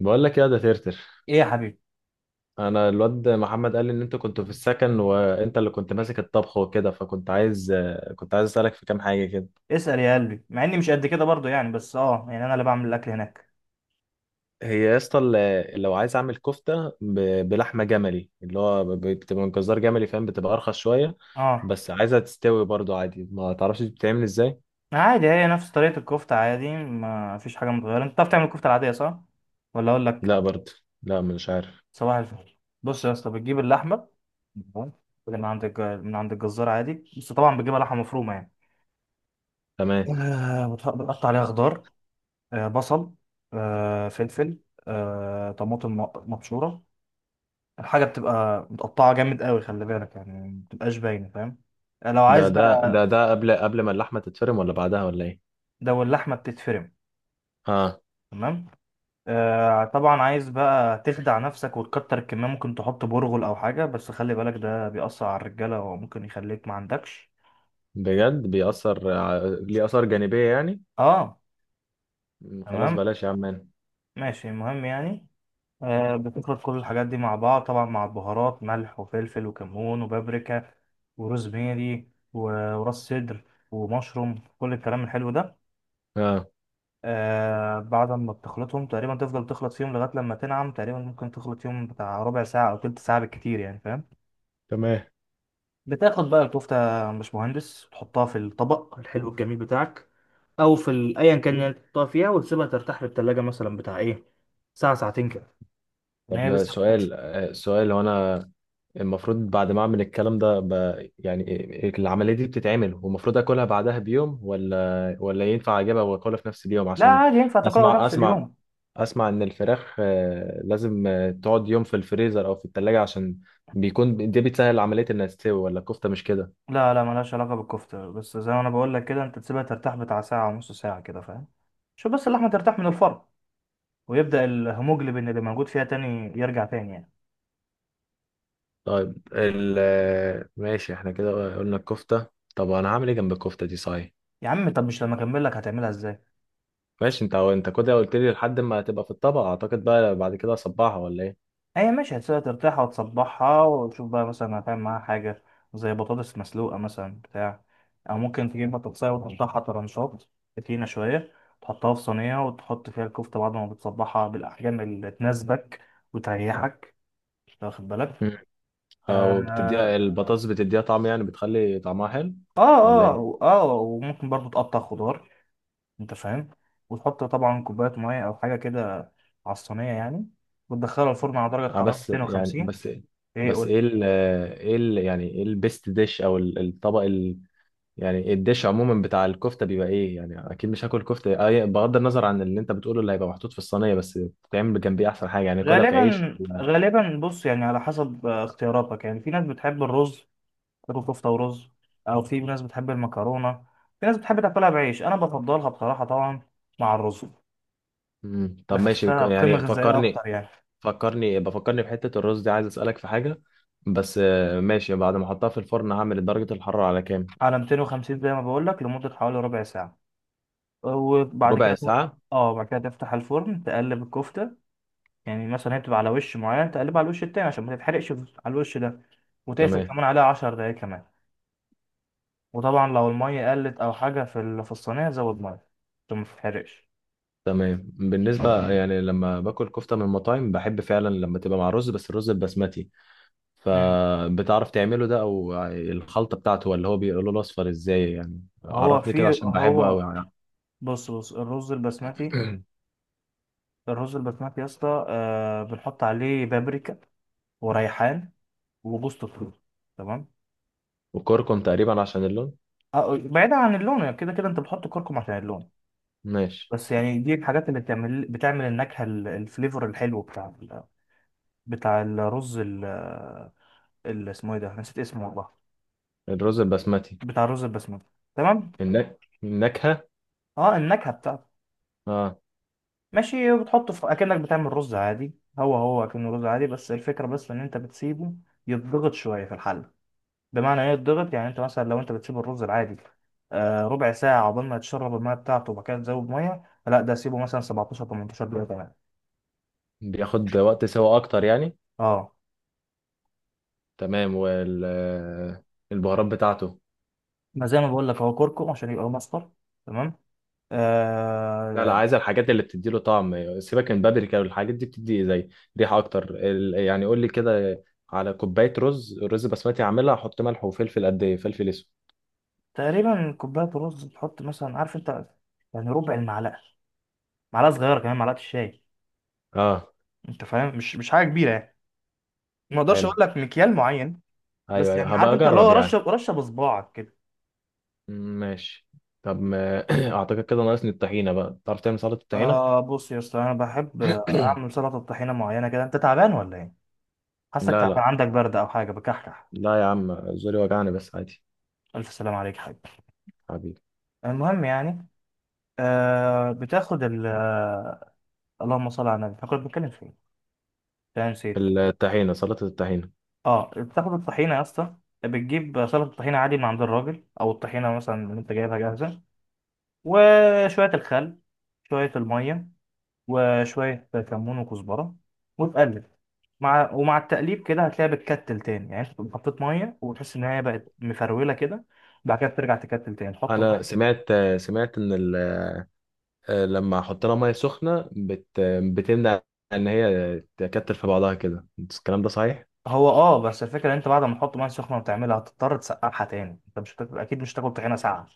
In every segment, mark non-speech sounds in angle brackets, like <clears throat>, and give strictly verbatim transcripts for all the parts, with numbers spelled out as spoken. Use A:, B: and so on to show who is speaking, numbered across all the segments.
A: بقول لك يا ده ترتر،
B: ايه يا حبيبي.
A: انا الواد محمد قال لي ان انت كنت في السكن وانت اللي كنت ماسك الطبخ وكده، فكنت عايز كنت عايز اسالك في كام حاجه كده.
B: اسأل يا قلبي، مع اني مش قد كده برضو يعني، بس اه يعني انا اللي بعمل الاكل هناك.
A: هي يا اسطى ال- لو عايز اعمل كفته ب- بلحمه جملي، اللي هو ب- بتبقى من جزار جملي، فاهم؟ بتبقى ارخص شويه،
B: اه
A: بس عايزها تستوي برضو عادي. ما تعرفش بتتعمل ازاي؟
B: عادي، هي نفس طريقة الكفتة عادي، ما فيش حاجة متغيرة. انت بتعرف تعمل الكفتة العادية صح ولا اقول لك؟
A: لا برضو، لا مش عارف.
B: صباح الفل. بص يا اسطى، بتجيب اللحمة، تمام؟ من عند الج... من عند الجزار عادي، بس طبعا بتجيبها لحمة مفرومة يعني.
A: تمام.
B: آه، بتح- بتقطع عليها خضار، آه، بصل، آه، فلفل، آه، طماطم مق- مبشورة. الحاجة بتبقى متقطعة جامد قوي، خلي بالك يعني، ما بتبقاش باينة، فاهم؟ لو
A: ده
B: عايز
A: ده
B: بقى.
A: ده ده قبل قبل ما اللحمه تتفرم، ولا بعدها، ولا ايه؟
B: ده واللحمة بتتفرم.
A: اه.
B: تمام. آه طبعا، عايز بقى تخدع نفسك وتكتر الكمية، ممكن تحط برغل أو حاجة، بس خلي بالك ده بيأثر على الرجالة وممكن يخليك ما عندكش.
A: بجد بيأثر؟ ع- ليه آثار جانبية يعني؟
B: اه.
A: م، خلاص
B: تمام.
A: بلاش يا عم.
B: ماشي، المهم يعني، آه بتخلط كل الحاجات دي مع بعض، طبعا مع البهارات، ملح وفلفل وكمون وبابريكا وروزميري و- وراس صدر ومشروم، كل الكلام الحلو ده.
A: اه.
B: آه بعد ما بتخلطهم تقريبا، تفضل تخلط فيهم لغاية لما تنعم تقريبا، ممكن تخلط فيهم بتاع ربع ساعة أو تلت ساعة بالكتير، يعني فاهم.
A: تمام.
B: بتاخد بقى الكفتة يا باشمهندس، تحطها في الطبق الحلو الجميل بتاعك، أو في ال- أيا كان اللي تحطها فيها، وتسيبها ترتاح في التلاجة مثلا بتاع إيه، ساعة ساعتين كده. إن هي
A: طب
B: لسه ما فتتش.
A: سؤال، آه، سؤال، هو انا المفروض بعد ما اعمل الكلام ده ب... يعني إيه- العملية دي بتتعمل والمفروض اكلها بعدها بيوم، ولا ولا ينفع اجيبها واكلها في نفس اليوم؟
B: لا
A: عشان
B: عادي، ينفع تاكلها
A: اسمع
B: نفس
A: اسمع،
B: اليوم.
A: اسمع ان الفراخ، آه، لازم، آه، تقعد يوم في الفريزر او في التلاجة، عشان بيكون دي بتسهل عملية انها تستوي. ولا الكفتة مش كده؟
B: لا لا، ملهاش علاقة بالكفتة، بس زي ما أنا بقول لك كده، أنت تسيبها ترتاح بتاع ساعة ونص ساعة كده، فاهم. شوف بس اللحمة ترتاح من الفرن، ويبدأ الهيموجلوبين اللي موجود فيها تاني يرجع تاني يعني.
A: طيب ال... آه، ماشي، احنا كده قلنا الكفتة، طب انا هعمل ايه جنب الكفتة دي صحيح؟
B: يا عم طب مش لما أكمل لك هتعملها إزاي.
A: ماشي، انت انت كده قلت لي لحد ما هتبقى في الطبق، اعتقد بقى بعد كده اصبعها ولا ايه؟
B: هي ماشي، هتسيبها ترتاح وتصبحها وتشوف بقى مثلا هتعمل معاها حاجة زي بطاطس مسلوقة مثلا بتاع، أو ممكن تجيب بطاطساية وتقطعها طرنشات تخينة شوية، تحطها في صينية وتحط فيها الكفتة بعد ما بتصبحها بالأحجام اللي تناسبك وتريحك، أنت واخد بالك.
A: مم. او بتديها
B: آه.
A: البطاطس، بتديها طعم يعني، بتخلي طعمها حلو
B: آه
A: ولا ايه؟
B: آه, آه وممكن برضو تقطع خضار، أنت فاهم، وتحط طبعا كوباية مية أو حاجة كده على الصينية يعني، وتدخلها الفرن على درجة
A: اه.
B: حرارة
A: بس يعني
B: مئتين وخمسين.
A: بس
B: إيه
A: بس ايه
B: قول.
A: ال ايه ال يعني ايه البيست ديش او ال- الطبق ال يعني الديش عموما بتاع الكفته بيبقى ايه؟ يعني اكيد مش هاكل كفته اه، بغض النظر عن اللي انت بتقوله اللي هيبقى محطوط في الصينيه، بس بتعمل جنبيه احسن حاجه يعني؟ كلها في عيش
B: غالبا
A: ولا-؟
B: غالبا بص، يعني على حسب آه، اختياراتك، يعني في ناس بتحب الرز، تاكل كفته ورز، او في ناس بتحب المكرونه، في ناس بتحب تاكلها بعيش، انا بفضلها بصراحه طبعا مع الرز،
A: مم. طب ماشي
B: بحسها قيمه
A: يعني،
B: غذائيه
A: فكرني
B: اكتر يعني.
A: فكرني بفكرني بحتة الرز دي، عايز أسألك في حاجة، بس آه، ماشي، بعد ما أحطها في الفرن هعمل درجة الحرارة على كام؟
B: على مئتين وخمسين زي ما بقول لك، لمده حوالي ربع ساعه، وبعد كده
A: ربع
B: ت-.
A: ساعة؟
B: اه بعد كده تفتح الفرن تقلب الكفته، يعني مثلا هي بتبقى على وش معين، تقلبها على الوش التاني عشان ما تتحرقش على الوش ده، وتقفل
A: تمام.
B: كمان عليها 10 دقايق كمان. وطبعا لو المية قلت أو حاجة في ال- في الصينية، زود مية عشان ما تتحرقش.
A: تمام بالنسبة يعني، لما باكل كفتة من المطاعم بحب فعلا لما تبقى مع رز، بس الرز البسمتي،
B: مم.
A: فبتعرف تعمله ده؟ أو الخلطة بتاعته، ولا هو بيقولوا له الأصفر، إزاي يعني؟
B: هو
A: عرفني كده
B: في
A: عشان بحبه أوي
B: هو،
A: يعني.
B: بص بص، الرز البسمتي، الرز البسمتي يا اسطى، آه بنحط عليه بابريكا وريحان وجوز الطيب، تمام.
A: وكركم تقريبا عشان اللون.
B: آه بعيدا عن اللون، كده كده انت بتحط كركم عشان اللون.
A: ماشي.
B: بس يعني دي الحاجات اللي بتعمل بتعمل النكهة ال- الفليفر الحلو بتاع ال- بتاع الرز ال ال- اسمه ايه ده، نسيت اسمه والله.
A: الرز البسمتي.
B: بتاع الرز البسمتي، تمام.
A: النك... النكهة.
B: اه النكهة بتاعته.
A: اه،
B: ماشي، وبتحطه في اكنك بتعمل رز عادي، هو هو اكنه رز عادي، بس الفكره بس ان انت بتسيبه يتضغط شويه في الحله. بمعنى ايه يتضغط؟ يعني انت مثلا لو انت بتسيب الرز العادي آه ربع ساعه عقبال ما يتشرب الميه بتاعته، وبعد كده تزود ميه، لا ده سيبه مثلا سبعتاشر ثمانية عشر دقيقه كمان.
A: بياخد وقت سوا أكتر يعني.
B: اه.
A: تمام، والبهارات بتاعته؟
B: ما زي ما بقول لك، هو كركم عشان يبقى مصفر. تمام.
A: لا لا،
B: آه.
A: عايز الحاجات اللي بتديله طعم، سيبك من بابريكا، والحاجات دي بتدي زي ريحة اكتر ال- يعني قول لي كده، على كوباية رز، رز بسمتي، عاملها احط ملح وفلفل قد ايه؟ فلفل اسود.
B: تقريبا كوبايه رز، تحط مثلا، عارف انت، يعني ربع المعلقه، معلقه صغيره، كمان معلقه الشاي،
A: اه.
B: انت فاهم، مش مش حاجه كبيره يعني، ما اقدرش
A: حلو.
B: اقول لك مكيال معين.
A: ايوه
B: بس
A: ايوه،
B: يعني
A: هبقى
B: عارف انت اللي
A: اجرب
B: هو رشه
A: يعني.
B: رشه بصباعك كده.
A: م- ماشي. طب ما <clears throat> اعتقد كده ناقصني الطحينة بقى، تعرف تعمل سلطة الطحينة؟
B: آه بص يا اسطى، انا بحب اعمل
A: <clears throat>
B: سلطه طحينه معينه كده، انت تعبان ولا ايه؟ حاسك
A: لا
B: تعبان،
A: لا
B: عندك برد او حاجه، بكحكح.
A: لا، يا عم زوري وجعني بس، عادي.
B: الف سلام عليك يا حبيبي.
A: حبيبي.
B: المهم يعني، آه بتاخد ال آه، اللهم صل على النبي، كنت بتكلم في ايه، أنا نسيت.
A: الطحينة، سلطة الطحينة.
B: اه بتاخد الطحينه يا اسطى، بتجيب سلطه طحينه عادي من عند الراجل، او الطحينه مثلا اللي انت جايبها جاهزه، وشويه الخل، شويه الميه، وشوية كمون وكزبرة، وتقلب. مع ومع التقليب كده هتلاقيها بتكتل تاني، يعني انت تقوم حطيت مية وتحس ان هي بقت مفرولة كده، بعد كده بترجع تكتل تاني، تحط
A: انا
B: مية.
A: سمعت، سمعت ان ال آه، لما احط لها ميه سخنه بت... بتمنع ان هي تكتل في بعضها كده، الكلام ده صحيح؟
B: هو اه، بس الفكرة ان انت بعد ما تحط مية سخنة وتعملها هتضطر تسقعها تاني، انت مش هتاكل، اكيد مش هتاكل طحينة ساقعة.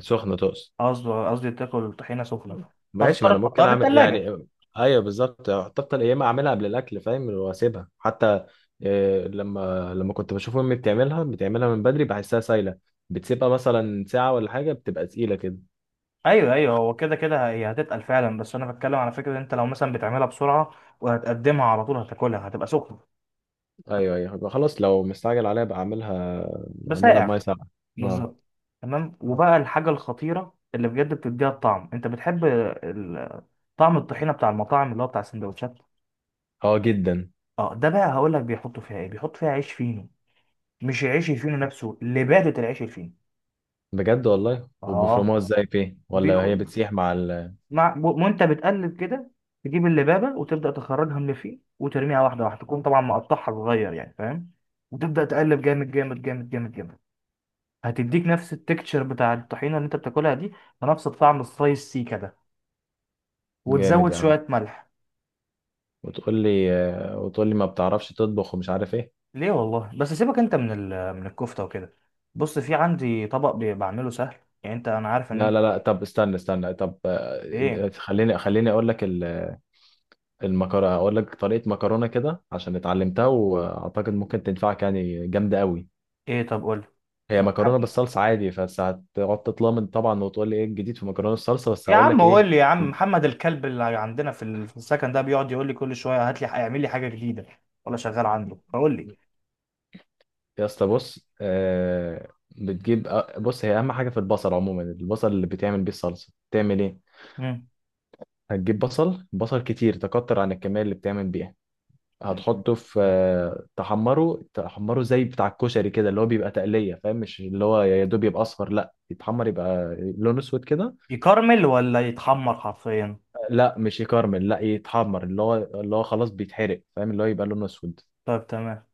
A: سخنه تقصد؟
B: قصدي قصدي تاكل طحينة سخنة،
A: ماشي، ما
B: فهتضطر
A: انا ممكن
B: تحطها في
A: اعمل
B: التلاجة.
A: يعني. ايوه بالظبط، حتى يا اما اعملها قبل الاكل فاهم، واسيبها حتى، إيه لما لما كنت بشوف امي بتعملها، بتعملها من بدري بحسها سايله، بتسيبها مثلا ساعه ولا حاجه، بتبقى تقيله كده.
B: ايوه ايوه، هو كده كده هي هتتقل فعلا، بس انا بتكلم على فكرة ان انت لو مثلا بتعملها بسرعة وهتقدمها على طول هتاكلها، هتبقى سخنة.
A: ايوه ايوه، يبقى خلاص لو مستعجل عليها بقى اعملها، اعملها بميه
B: بسائع.
A: ساقعه. اه.
B: بالظبط. تمام. وبقى الحاجة الخطيرة اللي بجد بتديها الطعم، انت بتحب ال- طعم الطحينة بتاع المطاعم اللي هو بتاع السندوتشات.
A: اه جدا.
B: اه ده بقى هقول لك بيحطوا فيها ايه، بيحطوا فيها عيش فينو، مش العيش الفينو نفسه، لبادة العيش الفينو.
A: بجد والله؟
B: اه،
A: وبيفرموها ازاي فيه ولا هي
B: بيكون
A: بتسيح مع ال؟
B: مع و- وانت بتقلب كده، تجيب اللبابة وتبدأ تخرجها من اللي فيه وترميها واحدة واحدة، تكون طبعا مقطعها صغير يعني فاهم، وتبدأ تقلب جامد جامد جامد جامد جامد. هتديك نفس التكتشر بتاع الطحينة اللي انت بتاكلها دي، ونفس الطعم السلايس سي كده،
A: جامد
B: وتزود
A: يا عم.
B: شوية ملح.
A: وتقول لي آه، وتقول لي ما بتعرفش تطبخ ومش عارف ايه.
B: ليه والله، بس سيبك انت من ال... من الكفتة وكده. بص في عندي طبق بي- بعمله سهل، يعني انت انا عارف ان
A: لا
B: انت.
A: لا لا، طب استنى استنى، طب
B: ايه.
A: آه، خليني خليني اقول لك ال- المكرونه، اقول لك طريقه مكرونه كده عشان اتعلمتها، واعتقد ممكن تنفعك يعني، جامده قوي.
B: ايه طب قول
A: هي
B: لي. محمد.
A: مكرونه بالصلصه عادي، بس هتقعد تطلمن طبعا وتقول لي ايه الجديد في مكرونه الصلصه، بس
B: يا
A: هقول
B: عم
A: لك ايه.
B: قول لي يا عم، محمد الكلب اللي عندنا في ال- في السكن ده بيقعد يقول لي كل شوية هات لي اعمل لي حاجة جديدة، ولا شغال عنده، فقول لي.
A: يا اسطى بص، آه. بتجيب آه، بص، هي اهم حاجه في البصل عموما، البصل اللي بتعمل بيه الصلصه بتعمل ايه؟
B: مم.
A: هتجيب بصل، بصل كتير، تكتر عن الكمية اللي بتعمل بيها. هتحطه في،
B: مم.
A: آه، تحمره، تحمره زي بتاع الكشري كده، اللي هو بيبقى تقلية فاهم، مش اللي هو يا دوب يبقى أصفر، لا يتحمر يبقى لونه أسود كده.
B: يكرمل ولا يتحمر حرفيا.
A: لا مش يكرمل، لا يتحمر، اللي هو اللي هو خلاص بيتحرق فاهم، اللي هو يبقى لونه أسود.
B: طيب تمام.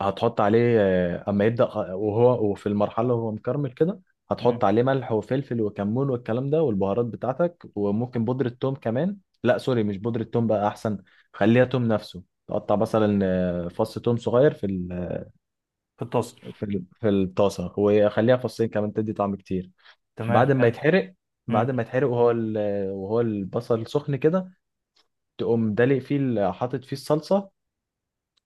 A: هتحط عليه، آه، اما يبدأ خ- وهو وفي المرحلة وهو مكرمل كده،
B: مم.
A: هتحط عليه ملح وفلفل وكمون والكلام ده، والبهارات بتاعتك، وممكن بودرة توم كمان. لا سوري، مش بودرة توم، بقى احسن خليها توم نفسه، تقطع مثلا آه، فص توم صغير في ال،
B: في الطاسة.
A: في ال، في الطاسة، وخليها فصين كمان تدي طعم كتير.
B: تمام
A: بعد ما
B: حلو.
A: يتحرق،
B: مم.
A: بعد ما يتحرق وهو ال- وهو البصل سخن كده، تقوم دلق فيه ال- حاطط فيه الصلصة،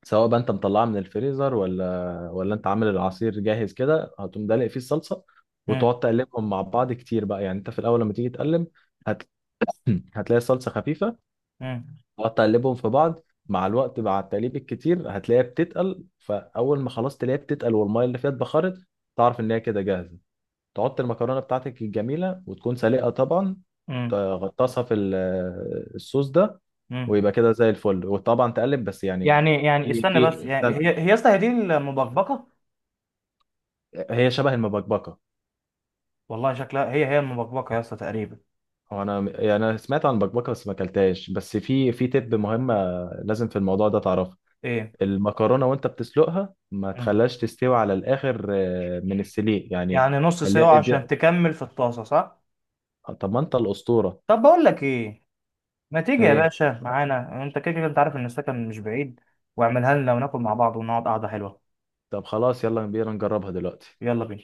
A: سواء بقى انت مطلعها من الفريزر، ولا ولا انت عامل العصير جاهز كده، هتقوم دلق فيه الصلصه،
B: مم.
A: وتقعد تقلبهم مع بعض كتير بقى يعني. انت في الاول لما تيجي تقلب، هت... <clears throat> هتلاقي الصلصه خفيفه،
B: مم.
A: تقعد تقلبهم في بعض، مع الوقت مع التقليب الكتير هتلاقيها بتتقل، فاول ما خلاص تلاقيها بتتقل والميه اللي فيها اتبخرت، تعرف ان هي كده جاهزه. تحط المكرونه بتاعتك الجميله، وتكون سلقه طبعا،
B: مم.
A: تغطسها في ال- الصوص ده،
B: مم.
A: ويبقى كده زي الفل، وطبعا تقلب بس يعني.
B: يعني يعني
A: في
B: استنى بس،
A: في
B: يعني هي هي يا اسطى هي دي المبكبكه.
A: هي شبه المبكبكه.
B: والله شكلها هي هي المبكبكه يا اسطى تقريبا.
A: هو انا يعني، انا سمعت عن البكبكه بس ما اكلتهاش، بس في في تب مهمه لازم في الموضوع ده تعرفها.
B: ايه.
A: المكرونه وانت بتسلقها ما
B: مم.
A: تخليهاش تستوي على الاخر، آه، من السليق يعني،
B: يعني نص
A: خليها
B: سوا
A: ادي.
B: عشان تكمل في الطاسه صح.
A: طب ما انت الاسطوره.
B: طب بقول لك ايه، ما تيجي يا
A: ايه.
B: باشا معانا، انت كده كده انت عارف ان السكن مش بعيد، واعملها لنا وناكل مع بعض ونقعد قعده حلوه.
A: طب خلاص، يلا بينا نجربها دلوقتي.
B: يلا بينا.